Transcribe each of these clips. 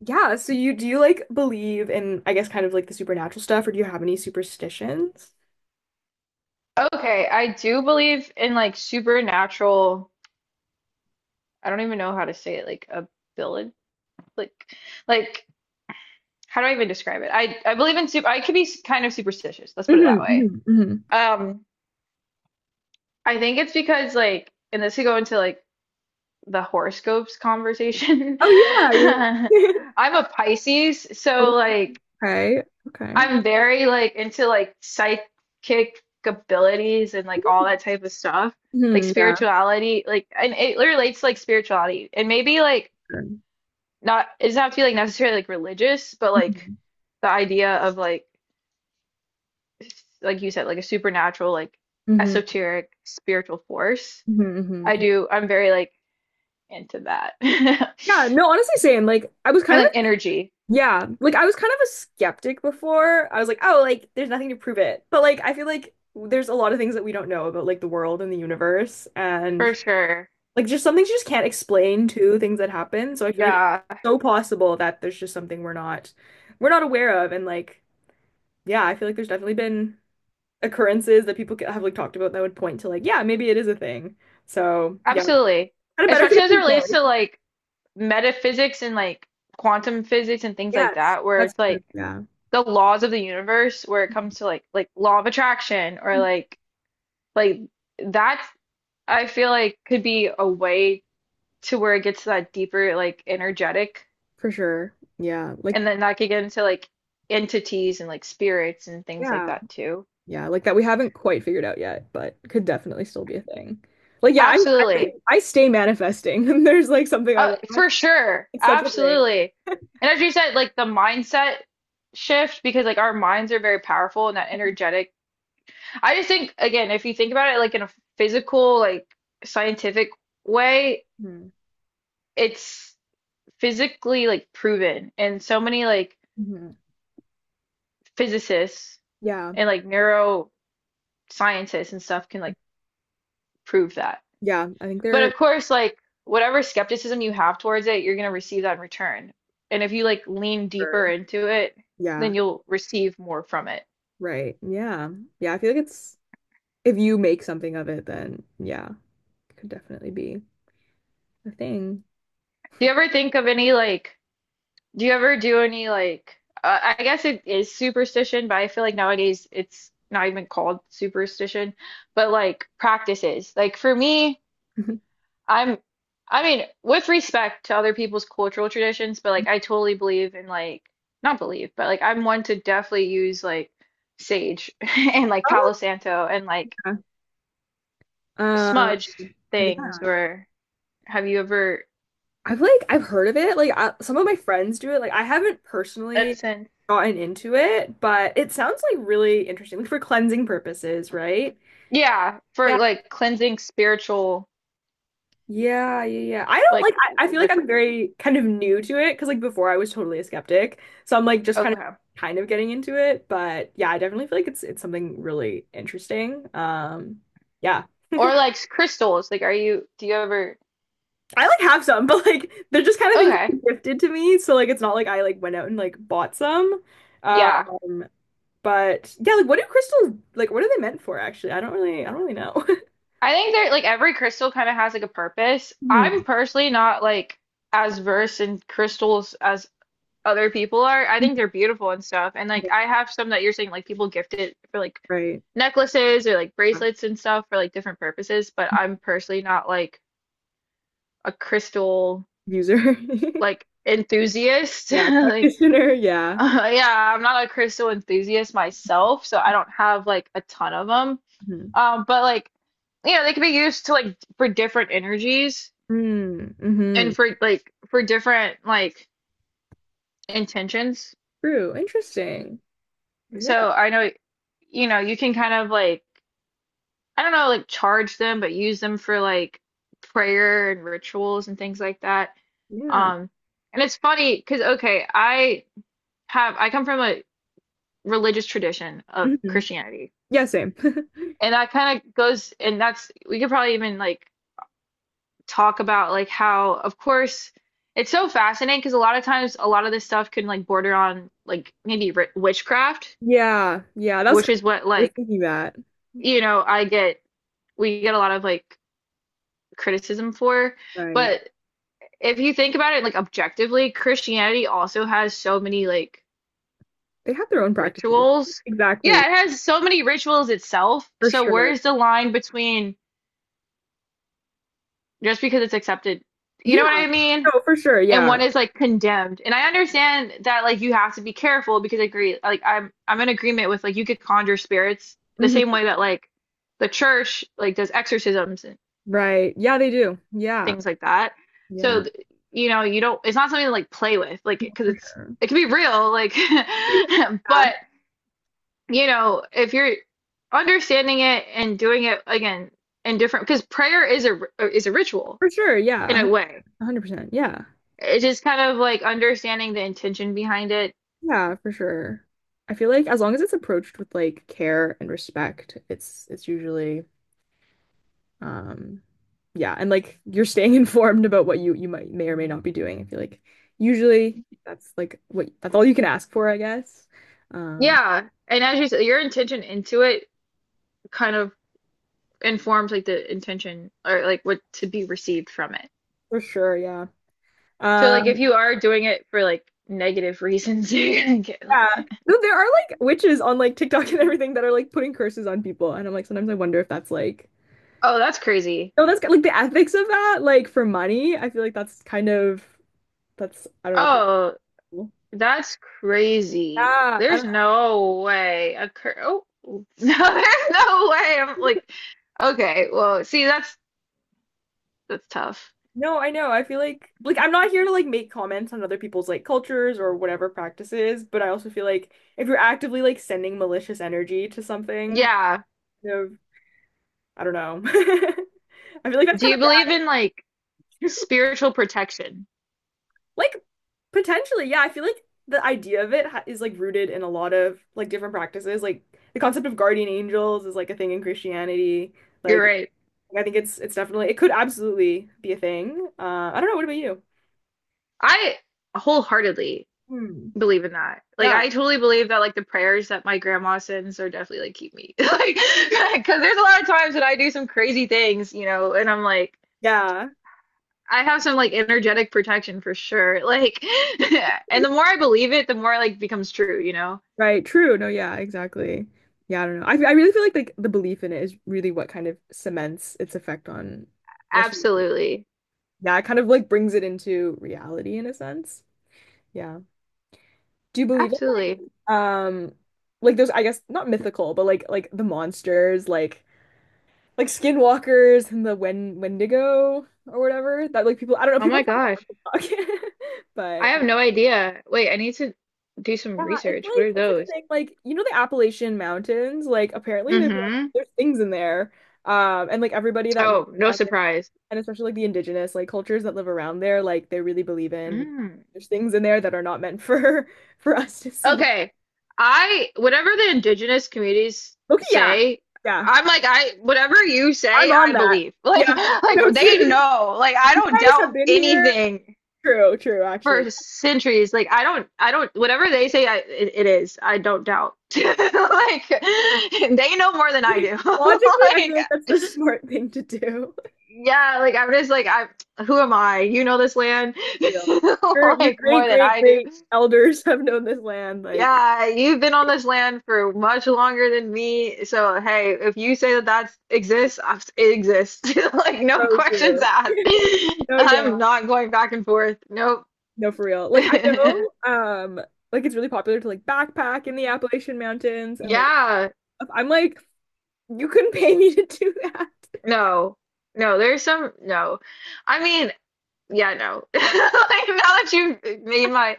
Yeah, so you do you like believe in, I guess, kind of like the supernatural stuff, or do you have any superstitions? Okay, I do believe in like supernatural, I don't even know how to say it, like ability, like like how do I even describe it? I believe in super I could be kind of superstitious. Let's put it Mhm, that way. mhm, mhm. Um, I think it's because like and this could go into like the horoscopes conversation. Oh yeah. I'm Yeah, yeah. a Pisces, so like Okay. Okay. I'm very like into like psychic abilities and like all that type of stuff. Like Mhm, yeah. spirituality, like and it relates to like spirituality. And maybe like Sure. not it doesn't have to be like necessarily like religious, but like Mhm, the idea of like like you said, like a supernatural, like mhm, esoteric spiritual force. mhm, I mhm. do I'm very like into that. Yeah, no, honestly same. Like I was And kind like of energy, yeah, like I was kind of a skeptic before. I was like, oh, like there's nothing to prove it. But like I feel like there's a lot of things that we don't know about, like the world and the universe for and sure. like just some things you just can't explain to things that happen. So I feel like it's Yeah, so possible that there's just something we're not aware of. And like, yeah, I feel like there's definitely been occurrences that people have like talked about that would point to like, yeah, maybe it is a thing. So yeah, absolutely. kind of better Especially safe as it than relates sorry. to like metaphysics and like quantum physics and things like Yes, that, where that's it's true. like Yeah. the laws of the universe, where it comes to like law of attraction or like that's I feel like could be a way to where it gets to that deeper like energetic, For sure. Yeah. Like and then that could get into like entities and like spirits and things like yeah. that too. Yeah, like that we haven't quite figured out yet, but could definitely still be a thing. Like yeah, I, Absolutely. I stay manifesting and there's like something I want. For sure. It's such a thing. Absolutely. And as you said, like the mindset shift, because like our minds are very powerful and that energetic I just think, again, if you think about it like in a physical, like scientific way, Hmm. it's physically like proven. And so many like Hmm. physicists Yeah. and like neuroscientists and stuff can like prove that. Yeah. I think But they're, of course, like whatever skepticism you have towards it, you're going to receive that in return. And if you like lean or- deeper into it, then yeah. you'll receive more from it. Right. Yeah. Yeah. I feel like it's, if you make something of it, then yeah, it could definitely be a thing. Do you ever think of any like Do you ever do any like I guess it is superstition, but I feel like nowadays it's not even called superstition, but like practices. Like for me, I'm I mean, with respect to other people's cultural traditions, but like I totally believe in like not believe, but like I'm one to definitely use like sage and like Oh, Palo Santo and like yeah. Um, smudge yeah. things or have you ever I've like, I've heard of it. Like, I, some of my friends do it. Like, I haven't personally incense? gotten into it, but it sounds like really interesting, like for cleansing purposes, right? Yeah, for Yeah. like cleansing spiritual Yeah, yeah, yeah. I don't like like I feel like I'm rituals. very kind of new to it because like before I was totally a skeptic. So I'm like just Okay. kind of getting into it. But yeah, I definitely feel like it's something really interesting. Yeah. Or like crystals. Like, are you, do you ever, I like have some, but like they're just kind of things okay. that are gifted to me. So like it's not like I like went out and like bought some. Yeah. Um but yeah, like what do crystals like what are they meant for actually? I don't really know. I think that like every crystal kind of has like a purpose. Hmm. I'm personally not like as versed in crystals as other people are. I think they're beautiful and stuff. And Yeah. like, I have some that you're saying like people gift it for like Right. necklaces or like Yeah. bracelets and stuff for like different purposes. But I'm personally not like a crystal User. like enthusiast. Yeah, Like, practitioner, yeah. Yeah, I'm not a crystal enthusiast myself, so I don't have like a ton of them. But like, you know, they can be used to like for different energies Mm, mm-hmm. and for like for different like intentions. True. Interesting. Yeah. So I know, you can kind of like I don't know, like charge them, but use them for like prayer and rituals and things like that. Yeah. Um, and it's funny because okay, I have I come from a religious tradition of Hmm. Christianity. Yeah, same. And that kind of goes, and that's, we could probably even like talk about like how, of course, it's so fascinating because a lot of times a lot of this stuff can like border on like maybe ri witchcraft, Yeah. Yeah. That's which kind is of, what I was like, thinking that. you know, I get, we get a lot of like criticism for. Right. But if you think about it like objectively, Christianity also has so many like They have their own practices. rituals. Exactly. Yeah, it has so many rituals itself. For So sure. where's the line between just because it's accepted? You Yeah. know what I mean? No, for sure. And Yeah. one is like condemned. And I understand that like you have to be careful because I agree like I'm in agreement with like you could conjure spirits the Hmm. same way that like the church like does exorcisms and Right. Yeah, they do. Yeah. things like that. Yeah. So you know, you don't it's not something to like play with like because For it's sure. it can be real like Yeah. but you know, if you're understanding it and doing it again in different because prayer is a ritual For sure. Yeah. in a way. 100%. Yeah. It's just kind of like understanding the intention behind it. Yeah, for sure. I feel like as long as it's approached with like care and respect, it's usually Um, yeah, and like you're staying informed about what you might may or may not be doing. I feel like usually that's like what that's all you can ask for, I guess. Um, Yeah, and as you said, your intention into it kind of informs like the intention or like what to be received from it. for sure, yeah. So Uh, like if you are doing it for like negative reasons, you're gonna get yeah. like, No, there are like witches on like TikTok and everything that are like putting curses on people, and I'm like sometimes I wonder if that's like oh, that's crazy. no, that's like the ethics of that, like for money. I feel like that's kind of that's I don't know. Kind of Oh, cool. that's crazy. Yeah, I There's don't. no way a cur oh no, there's no way. I'm like, okay, well, see, that's tough. No, I know. I feel like I'm not here to like make comments on other people's like cultures or whatever practices, but I also feel like if you're actively like sending malicious energy to something, Yeah. kind of, I don't know. I feel like that's Do kind you of believe in like bad. spiritual protection? Like potentially, yeah, I feel like the idea of it ha is like rooted in a lot of like different practices. Like the concept of guardian angels is like a thing in Christianity. You're Like right. I think it's definitely it could absolutely be a thing. I don't know. What about you? I wholeheartedly Hmm. believe in that. Like Yeah. I totally believe that like the prayers that my grandma sends are definitely like keep me. Like because there's a lot of times that I do some crazy things, you know, and I'm like Yeah. I have some like energetic protection for sure. Like and the more I believe it, the more like becomes true, you know? Right, true. No, yeah, exactly. Yeah, I don't know. I really feel like the belief in it is really what kind of cements its effect on, I guess, you- Absolutely. yeah, it kind of like brings it into reality in a sense. Yeah. Do you believe in Absolutely. like um like those I guess not mythical, but like the monsters, like skinwalkers and the Wendigo or whatever that like people I don't know Oh people my gosh. talk I about, but have no idea. Wait, I need to do some yeah, research. What are it's like a those? thing like you know the Appalachian Mountains like apparently there's like Mm-hmm. there's things in there and like everybody that lives Oh, no around there surprise. and especially like the indigenous like cultures that live around there like they really believe in Mm. there's things in there that are not meant for for us to see. Okay. I whatever the indigenous communities Okay, yeah. say, Yeah. I'm like I whatever you I'm say, on I that. believe. Like Yeah. like So they true. know. Like I You don't guys doubt have been here. anything True, true actually. for centuries. Like I don't whatever they say I it, it is. I don't doubt. Like they know more than I do. Logically, I feel Like like that's the smart thing to do. yeah, like I'm just like I who am I? You know this land Real. Your like great more than great I do. great elders have known this land like Yeah, you've been on this land for much longer than me. So, hey, if you say that that exists, I- it exists. Like, no so questions true. asked. Oh I'm yeah. not going back and forth. Nope. No, for real. Like I know, like it's really popular to like backpack in the Appalachian Mountains and like Yeah, stuff. I'm like, you couldn't pay me to do that. no. No, there's some, no. I mean, yeah, no. Like, now that you've made my,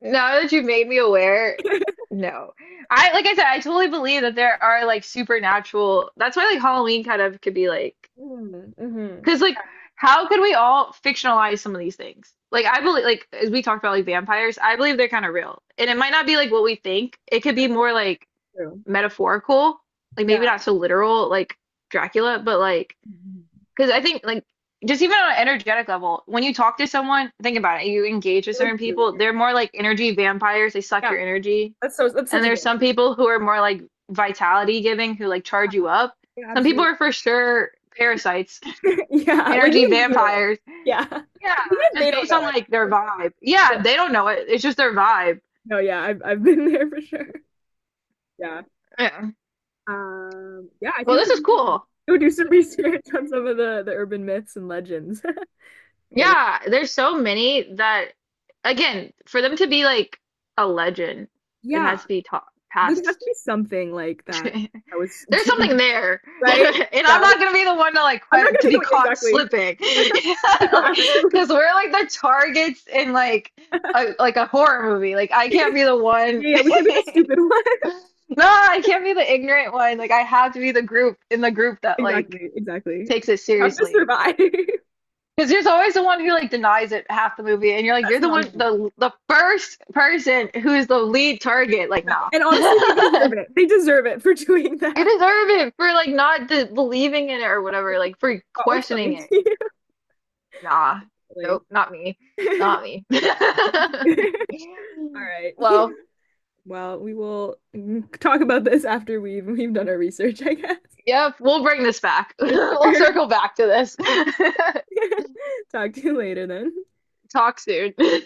now that you've made me aware, no. I, like I said, I totally believe that there are like supernatural, that's why like Halloween kind of could be like, Mm, mhm. because like, how could we all fictionalize some of these things? Like, I believe, like, as we talked about, like vampires, I believe they're kind of real, and it might not be like what we think. It could be more like True. metaphorical, like maybe Yeah. not so literal, like Dracula, but like, Mhm. because I think like just even on an energetic level, when you talk to someone, think about it, you engage with They're, certain like people, green. they're more like energy vampires. They suck Yeah. your energy, That's so that's and such a there's thing. some people who are more like vitality giving, who like charge you up. Yeah, Some people absolutely. are for sure parasites Yeah, like you energy can feel it. vampires Yeah. Even yeah, if just they don't based know on it. like their vibe. Yeah, they don't know it. It's just their vibe. No, yeah, I've been there for sure. Yeah. Yeah. Yeah, I Well, feel this like is we should cool. go do some research on some of the urban myths and legends. Get it? Yeah, there's so many that, again, for them to be like a legend, it Yeah, has to be taught there has to past. be something like that I was There's something doing, there, right. and Yeah, I'm like, not gonna be the one to like I'm not gonna to be the be one caught exactly. slipping, yeah, We go like, ask her- because we're like the targets in like a horror movie. Like I yeah, can't be the one. yeah, we could be the stupid one. No, I can't be the ignorant one. Like I have to be the group in the group that like Exactly, exactly. We takes it have to seriously. survive. That's Because there's always the one who like denies it half the movie, and you're like, you're the one, another one. the first person who is the lead target. Like, nah, And you honestly, they deserve it. They deserve it for doing that. deserve it for like not de believing in it or whatever, like for Not what's questioning coming it. to Nah, you. nope, not me, not me. All right. Well, Well, we will mm, talk about this after we've done our research, I guess. yep, we'll bring this back. For We'll sure. circle back to this. Talk to you later then. Talk soon.